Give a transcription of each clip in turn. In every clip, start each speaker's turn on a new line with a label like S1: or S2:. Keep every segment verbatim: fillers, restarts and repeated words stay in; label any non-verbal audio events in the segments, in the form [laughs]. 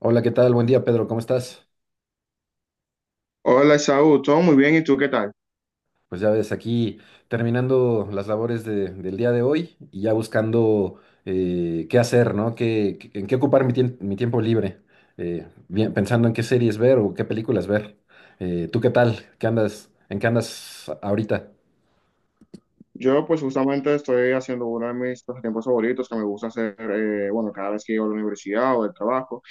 S1: Hola, ¿qué tal? Buen día, Pedro, ¿cómo estás?
S2: Hola, Saúl, todo muy bien, ¿y tú qué tal?
S1: Pues ya ves, aquí terminando las labores de- del día de hoy y ya buscando eh, qué hacer, ¿no? ¿Qué, qué- en qué ocupar mi, tiem- mi tiempo libre? Eh, bien, pensando en qué series ver o qué películas ver. Eh, ¿tú qué tal? ¿Qué andas, en qué andas ahorita?
S2: Yo pues justamente estoy haciendo uno de mis tiempos favoritos que me gusta hacer, eh, bueno, cada vez que llego a la universidad o del trabajo,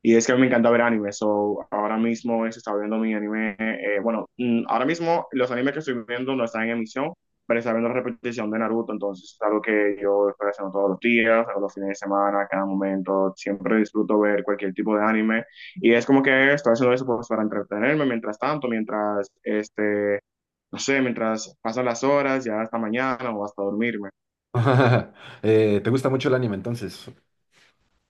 S2: y es que me encanta ver anime, so ahora mismo se está viendo mi anime, eh, bueno, mm, ahora mismo los animes que estoy viendo no están en emisión, pero está viendo la repetición de Naruto, entonces es algo que yo estoy haciendo todos los días, todos los fines de semana, cada momento, siempre disfruto ver cualquier tipo de anime, y es como que estoy haciendo eso pues, para entretenerme mientras tanto, mientras este no sé, mientras pasan las horas, ya hasta mañana o hasta dormirme.
S1: [laughs] Eh, ¿te gusta mucho el anime entonces?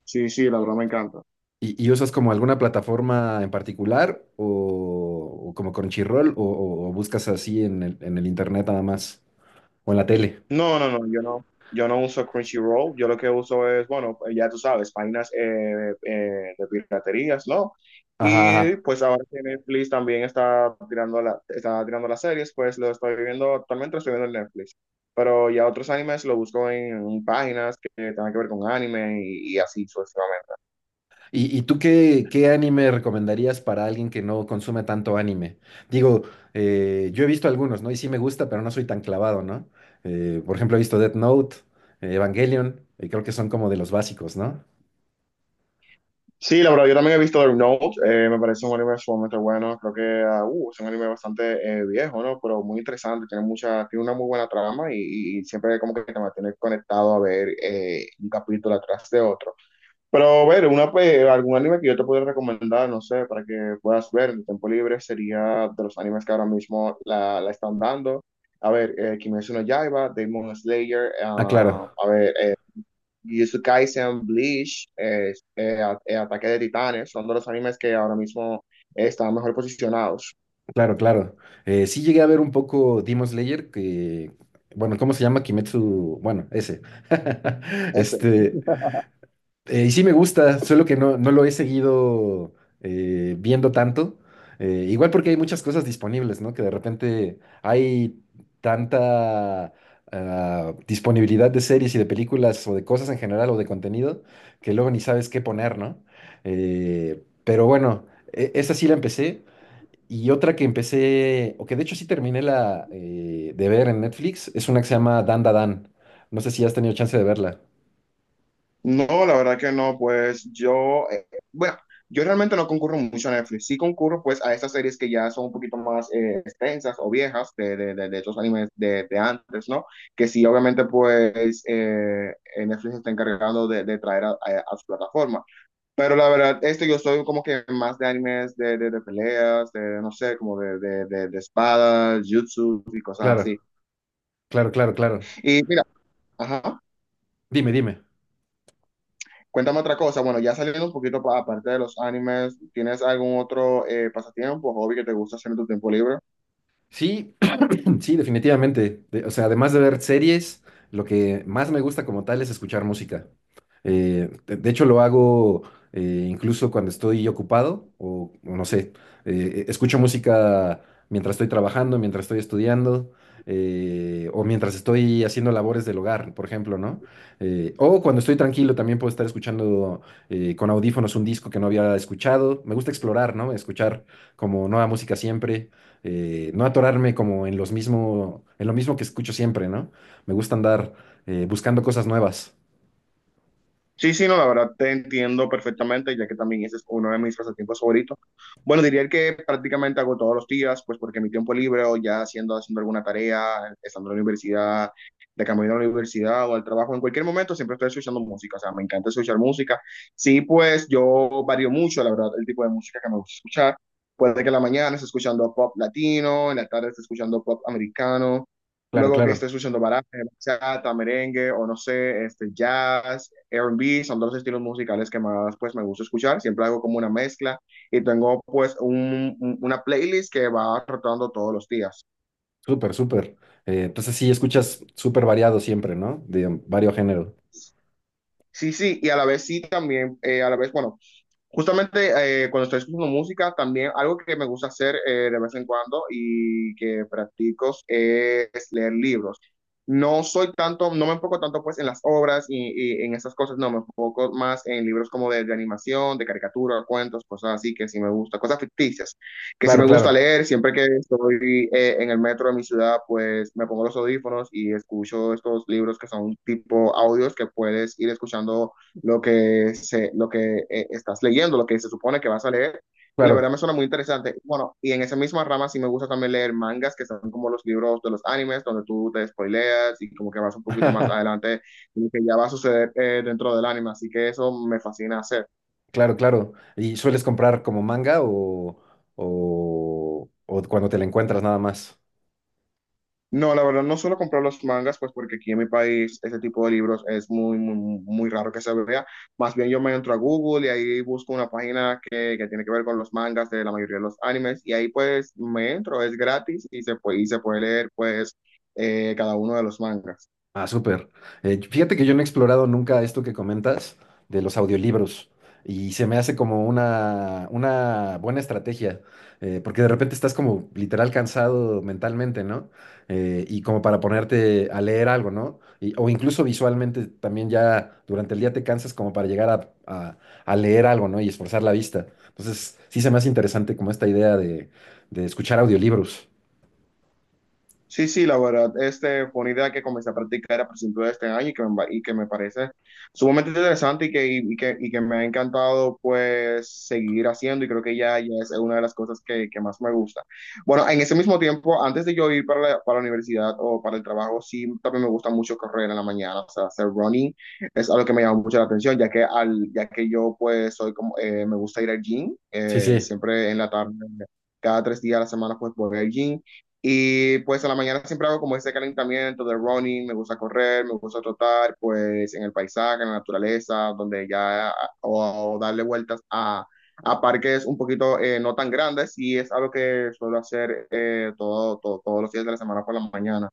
S2: Sí, sí, la verdad me encanta.
S1: ¿Y, y usas como alguna plataforma en particular o, o como Crunchyroll o, o- o buscas así en el, en el internet nada más o en la tele?
S2: No, no, no, yo no, yo no uso Crunchyroll, yo lo que uso es, bueno, eh, ya tú sabes, páginas eh, eh, de piraterías, ¿no?
S1: Ajá,
S2: Y
S1: ajá.
S2: pues ahora que Netflix también está tirando, la, está tirando las series, pues lo estoy viendo, actualmente lo estoy viendo en Netflix. Pero ya otros animes lo busco en, en páginas que tengan que ver con anime y, y así sucesivamente.
S1: ¿Y, y tú qué, qué anime recomendarías para alguien que no consume tanto anime? Digo, eh, yo he visto algunos, ¿no? Y sí me gusta, pero no soy tan clavado, ¿no? Eh, por ejemplo, he visto Death Note, eh, Evangelion, y creo que son como de los básicos, ¿no?
S2: Sí, la verdad, yo también he visto The Note, eh, me parece un anime sumamente bueno, creo que ah, uh, es un anime bastante eh, viejo, ¿no? Pero muy interesante, tiene mucha, tiene una muy buena trama y, y siempre como que te mantiene conectado a ver eh, un capítulo atrás de otro. Pero a ver, una, pues, algún anime que yo te pudiera recomendar, no sé, para que puedas ver en tu tiempo libre, sería de los animes que ahora mismo la, la están dando. A ver, eh, Kimetsu no Yaiba, Demon Slayer,
S1: Ah,
S2: ah,
S1: claro,
S2: a ver, eh, y Kaisen, Bleach, eh, eh, a- eh, Ataque de Titanes, son de los animes que ahora mismo están mejor posicionados.
S1: claro, claro. Eh, sí llegué a ver un poco Demon Slayer, que, bueno, ¿cómo se llama? Kimetsu, bueno, ese. [laughs]
S2: Ese.
S1: Este. Eh, y sí me gusta, solo que no, no lo he seguido eh, viendo tanto. Eh, igual porque hay muchas cosas disponibles, ¿no? Que de repente hay tanta ah, disponibilidad de series y de películas o de cosas en general o de contenido que luego ni sabes qué poner, ¿no? Eh, pero bueno, e- esa sí la empecé. Y otra que empecé, o que de hecho sí terminé la eh, de ver en Netflix, es una que se llama Dan Da Dan. No sé si has tenido chance de verla.
S2: No, la verdad que no, pues yo, eh, bueno, yo realmente no concurro mucho a Netflix, sí concurro pues a estas series que ya son un poquito más eh, extensas o viejas de, de, de, de estos animes de, de antes, ¿no? Que sí, obviamente pues eh, eh, Netflix se está encargando de, de traer a, a- a su plataforma. Pero la verdad, este yo soy como que más de animes de, de, de peleas, de no sé, como de, de, de, de espadas, jutsu y cosas así.
S1: Claro, claro, claro, claro.
S2: Y mira, ajá,
S1: Dime, dime.
S2: cuéntame otra cosa. Bueno, ya saliendo un poquito pa- aparte de los animes, ¿tienes algún otro eh, pasatiempo, hobby que te gusta hacer en tu tiempo libre?
S1: Sí, [clears throat] sí, definitivamente. De- o sea, además de ver series, lo que más me gusta como tal es escuchar música. Eh, de, de hecho, lo hago eh, incluso cuando estoy ocupado o, o no sé, eh, e, escucho música mientras estoy trabajando, mientras estoy estudiando eh, o mientras estoy haciendo labores del hogar, por ejemplo, ¿no? Eh, o cuando estoy tranquilo también puedo estar escuchando eh, con audífonos un disco que no había escuchado. Me gusta explorar, ¿no? Escuchar como nueva música siempre, eh, no atorarme como en los mismo, en lo mismo que escucho siempre, ¿no? Me gusta andar eh, buscando cosas nuevas.
S2: Sí, sí, no, la verdad te entiendo perfectamente, ya que también ese es uno de mis pasatiempos favoritos. Bueno, diría que prácticamente hago todos los días, pues porque mi tiempo libre o ya haciendo, haciendo alguna tarea, estando en la universidad, de camino a la universidad o al trabajo, en cualquier momento siempre estoy escuchando música, o sea, me encanta escuchar música. Sí, pues yo varío mucho, la verdad, el tipo de música que me gusta escuchar. Puede que en la mañana esté escuchando pop latino, en la tarde esté escuchando pop americano,
S1: Claro,
S2: luego que esté
S1: claro.
S2: escuchando baraja, bachata, merengue o no sé, este jazz, R and B, son dos estilos musicales que más pues me gusta escuchar. Siempre hago como una mezcla y tengo pues un- un- una playlist que va rotando todos los días.
S1: Súper, súper. Eh, entonces sí, escuchas súper variado siempre, ¿no? De varios géneros.
S2: Sí, sí, y a la vez sí también, eh, a la vez, bueno, justamente eh, cuando estoy escuchando música, también algo que me gusta hacer eh, de vez en cuando y que practico es leer libros. No soy tanto, no me enfoco tanto pues en las obras y, y en esas cosas, no, me enfoco más en libros como de, de animación, de caricatura, cuentos, cosas así que sí me gusta, cosas ficticias, que sí
S1: Claro,
S2: me gusta
S1: claro,
S2: leer, siempre que estoy eh, en el metro de mi ciudad, pues me pongo los audífonos y escucho estos libros que son tipo audios que puedes ir escuchando lo que, se, lo que eh, estás leyendo, lo que se supone que vas a leer. Y la verdad
S1: claro.
S2: me suena muy interesante. Bueno, y en esa misma rama sí me gusta también leer mangas, que son como los libros de los animes, donde tú te spoileas y como que vas un poquito más
S1: [laughs]
S2: adelante, y que ya va a suceder eh, dentro del anime. Así que eso me fascina hacer.
S1: Claro, claro. ¿Y sueles comprar como manga o, o, o cuando te la encuentras nada más?
S2: No, la verdad, no suelo comprar los mangas, pues porque aquí en mi país ese tipo de libros es muy, muy, muy raro que se vea. Más bien yo me entro a Google y ahí busco una página que, que tiene que ver con los mangas de la mayoría de los animes y ahí pues me entro, es gratis y se puede, y se puede leer pues eh, cada uno de los mangas.
S1: Ah, súper. Eh, fíjate que yo no he explorado nunca esto que comentas de los audiolibros y se me hace como una, una buena estrategia, eh, porque de repente estás como literal cansado mentalmente, ¿no? Eh, y como para ponerte a leer algo, ¿no? Y o incluso visualmente también ya durante el día te cansas como para llegar a, a- a leer algo, ¿no? Y esforzar la vista. Entonces, sí se me hace interesante como esta idea de, de escuchar audiolibros.
S2: Sí, sí, la verdad, este fue una idea que comencé a practicar a principios de este año y que me, y que me parece sumamente interesante y que, y y que, y que me ha encantado pues seguir haciendo y creo que ya, ya es una de las cosas que, que más me gusta. Bueno, en ese mismo tiempo, antes de yo ir para la, para la universidad o para el trabajo, sí, también me gusta mucho correr en la mañana, o sea, hacer running es algo que me llama mucho la atención, ya que, al, ya que yo pues soy como, eh, me gusta ir al gym,
S1: Sí,
S2: eh,
S1: sí.
S2: siempre en la tarde cada tres días a la semana pues voy al gym y pues a la mañana siempre hago como ese calentamiento de running, me gusta correr, me gusta trotar, pues en el paisaje, en la naturaleza, donde ya, o, o darle vueltas a, a parques un poquito eh, no tan grandes, y es algo que suelo hacer eh, todo, todo- todos los días de la semana por la mañana.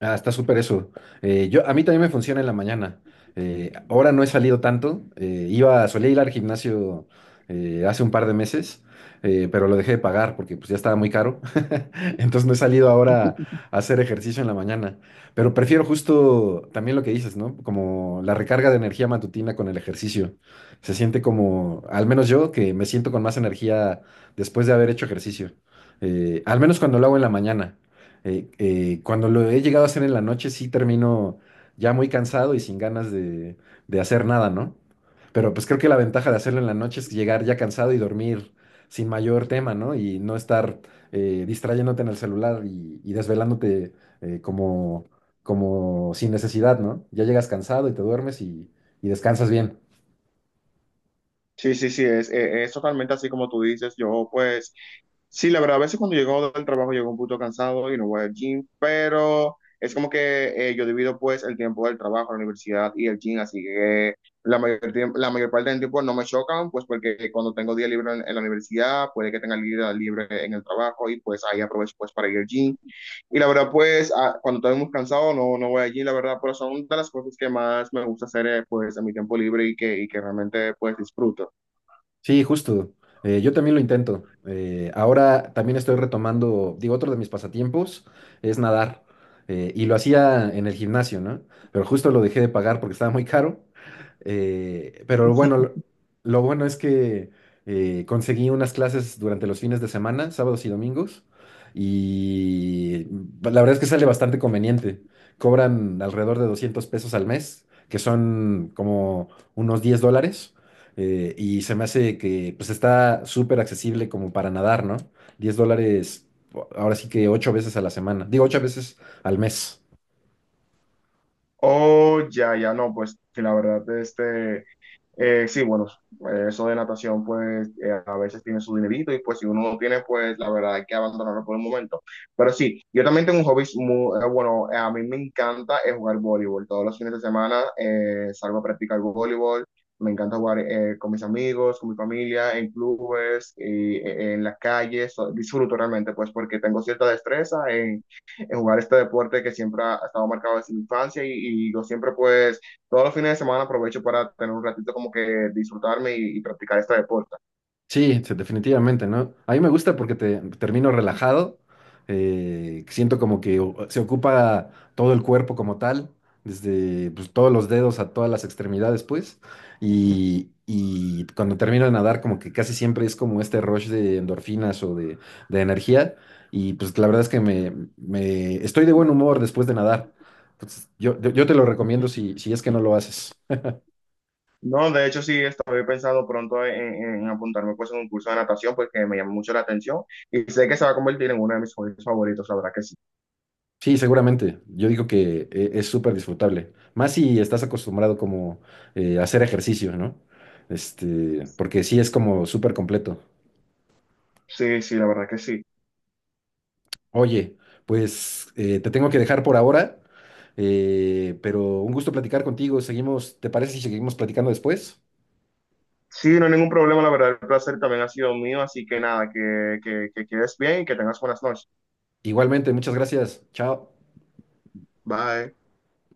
S1: Ah, está súper eso. Eh, yo, a mí también me funciona en la mañana. Eh, ahora no he salido tanto. Eh, iba, solía ir al gimnasio eh, hace un par de meses, eh, pero lo dejé de pagar porque pues, ya estaba muy caro. [laughs] Entonces no he salido ahora a hacer ejercicio en la mañana. Pero prefiero justo también lo que dices, ¿no? Como la recarga de energía matutina con el ejercicio. Se siente como, al menos yo, que me siento con más energía después de haber hecho ejercicio. Eh, al menos cuando lo hago en la mañana, eh, eh, cuando lo he llegado a hacer en la noche, sí termino ya muy cansado y sin ganas de, de hacer nada, ¿no? Pero pues creo que la ventaja de hacerlo en la noche es llegar ya cansado y dormir sin mayor tema, ¿no? Y no estar eh, distrayéndote en el celular y, y desvelándote eh, como, como sin necesidad, ¿no? Ya llegas cansado y te duermes y, y descansas bien.
S2: Sí, sí, sí, es, eh, es totalmente así como tú dices, yo pues sí, la verdad, a veces cuando llego del trabajo llego un poquito cansado y no voy al gym, pero es como que eh, yo divido pues el tiempo del trabajo, la universidad y el gym, así que la mayor, tiemp- la mayor parte del tiempo no me chocan, pues porque cuando tengo día libre en, en la universidad, puede que tenga el día libre en el trabajo y pues ahí aprovecho pues para ir al gym. Y la verdad pues ah, cuando estoy muy cansado no, no voy al gym, la verdad, pero son de las cosas que más me gusta hacer eh, pues en mi tiempo libre y que, y que realmente pues disfruto.
S1: Sí, justo. Eh, yo también lo intento. Eh, ahora también estoy retomando, digo, otro de mis pasatiempos es nadar. Eh, y lo hacía en el gimnasio, ¿no? Pero justo lo dejé de pagar porque estaba muy caro. Eh, pero bueno, lo, lo bueno es que eh, conseguí unas clases durante los fines de semana, sábados y domingos. Y la verdad es que sale bastante conveniente. Cobran alrededor de doscientos pesos al mes, que son como unos diez dólares. Eh, y se me hace que pues está súper accesible como para nadar, ¿no? Diez dólares, ahora sí que ocho veces a la semana. Digo, ocho veces al mes.
S2: Oh, ya, ya, no, pues que la verdad, este, Eh, sí, bueno, eh, eso de natación, pues eh, a veces tiene su dinerito y pues si uno no tiene, pues la verdad hay que abandonarlo por el momento. Pero sí, yo también tengo un hobby muy eh, bueno, eh, a mí me encanta eh, jugar voleibol. Todos los fines de semana eh, salgo a practicar voleibol. Me encanta jugar eh, con mis amigos, con mi familia, en clubes, y, eh, en las calles. So- Disfruto realmente, pues porque tengo cierta destreza en, en jugar este deporte que siempre ha ha estado marcado desde mi infancia y, y yo siempre pues todos los fines de semana aprovecho para tener un ratito como que disfrutarme y, y practicar este deporte.
S1: Sí, sí, definitivamente, ¿no? A mí me gusta porque te termino relajado, eh, siento como que o- se ocupa todo el cuerpo como tal, desde pues, todos los dedos a todas las extremidades, pues, y, y cuando termino de nadar como que casi siempre es como este rush de endorfinas o de, de energía, y pues la verdad es que me, me- estoy de buen humor después de nadar. Entonces, yo, yo, yo te lo recomiendo si, si es que no lo haces.
S2: No, de hecho sí, estoy pensando pronto en, en apuntarme pues en un curso de natación porque me llama mucho la atención y sé que se va a convertir en uno de mis hobbies favoritos, la verdad que sí.
S1: Sí, seguramente. Yo digo que eh, es súper disfrutable. Más si estás acostumbrado como eh, a hacer ejercicio, ¿no? Este, porque sí es como súper completo.
S2: Sí, sí, la verdad que sí.
S1: Oye, pues eh, te tengo que dejar por ahora, eh, pero un gusto platicar contigo. Seguimos, ¿te parece si seguimos platicando después?
S2: Sí, no hay ningún problema, la verdad el placer también ha sido mío, así que nada, que, que, que quedes bien y que tengas buenas noches.
S1: Igualmente, muchas gracias. Chao.
S2: Bye.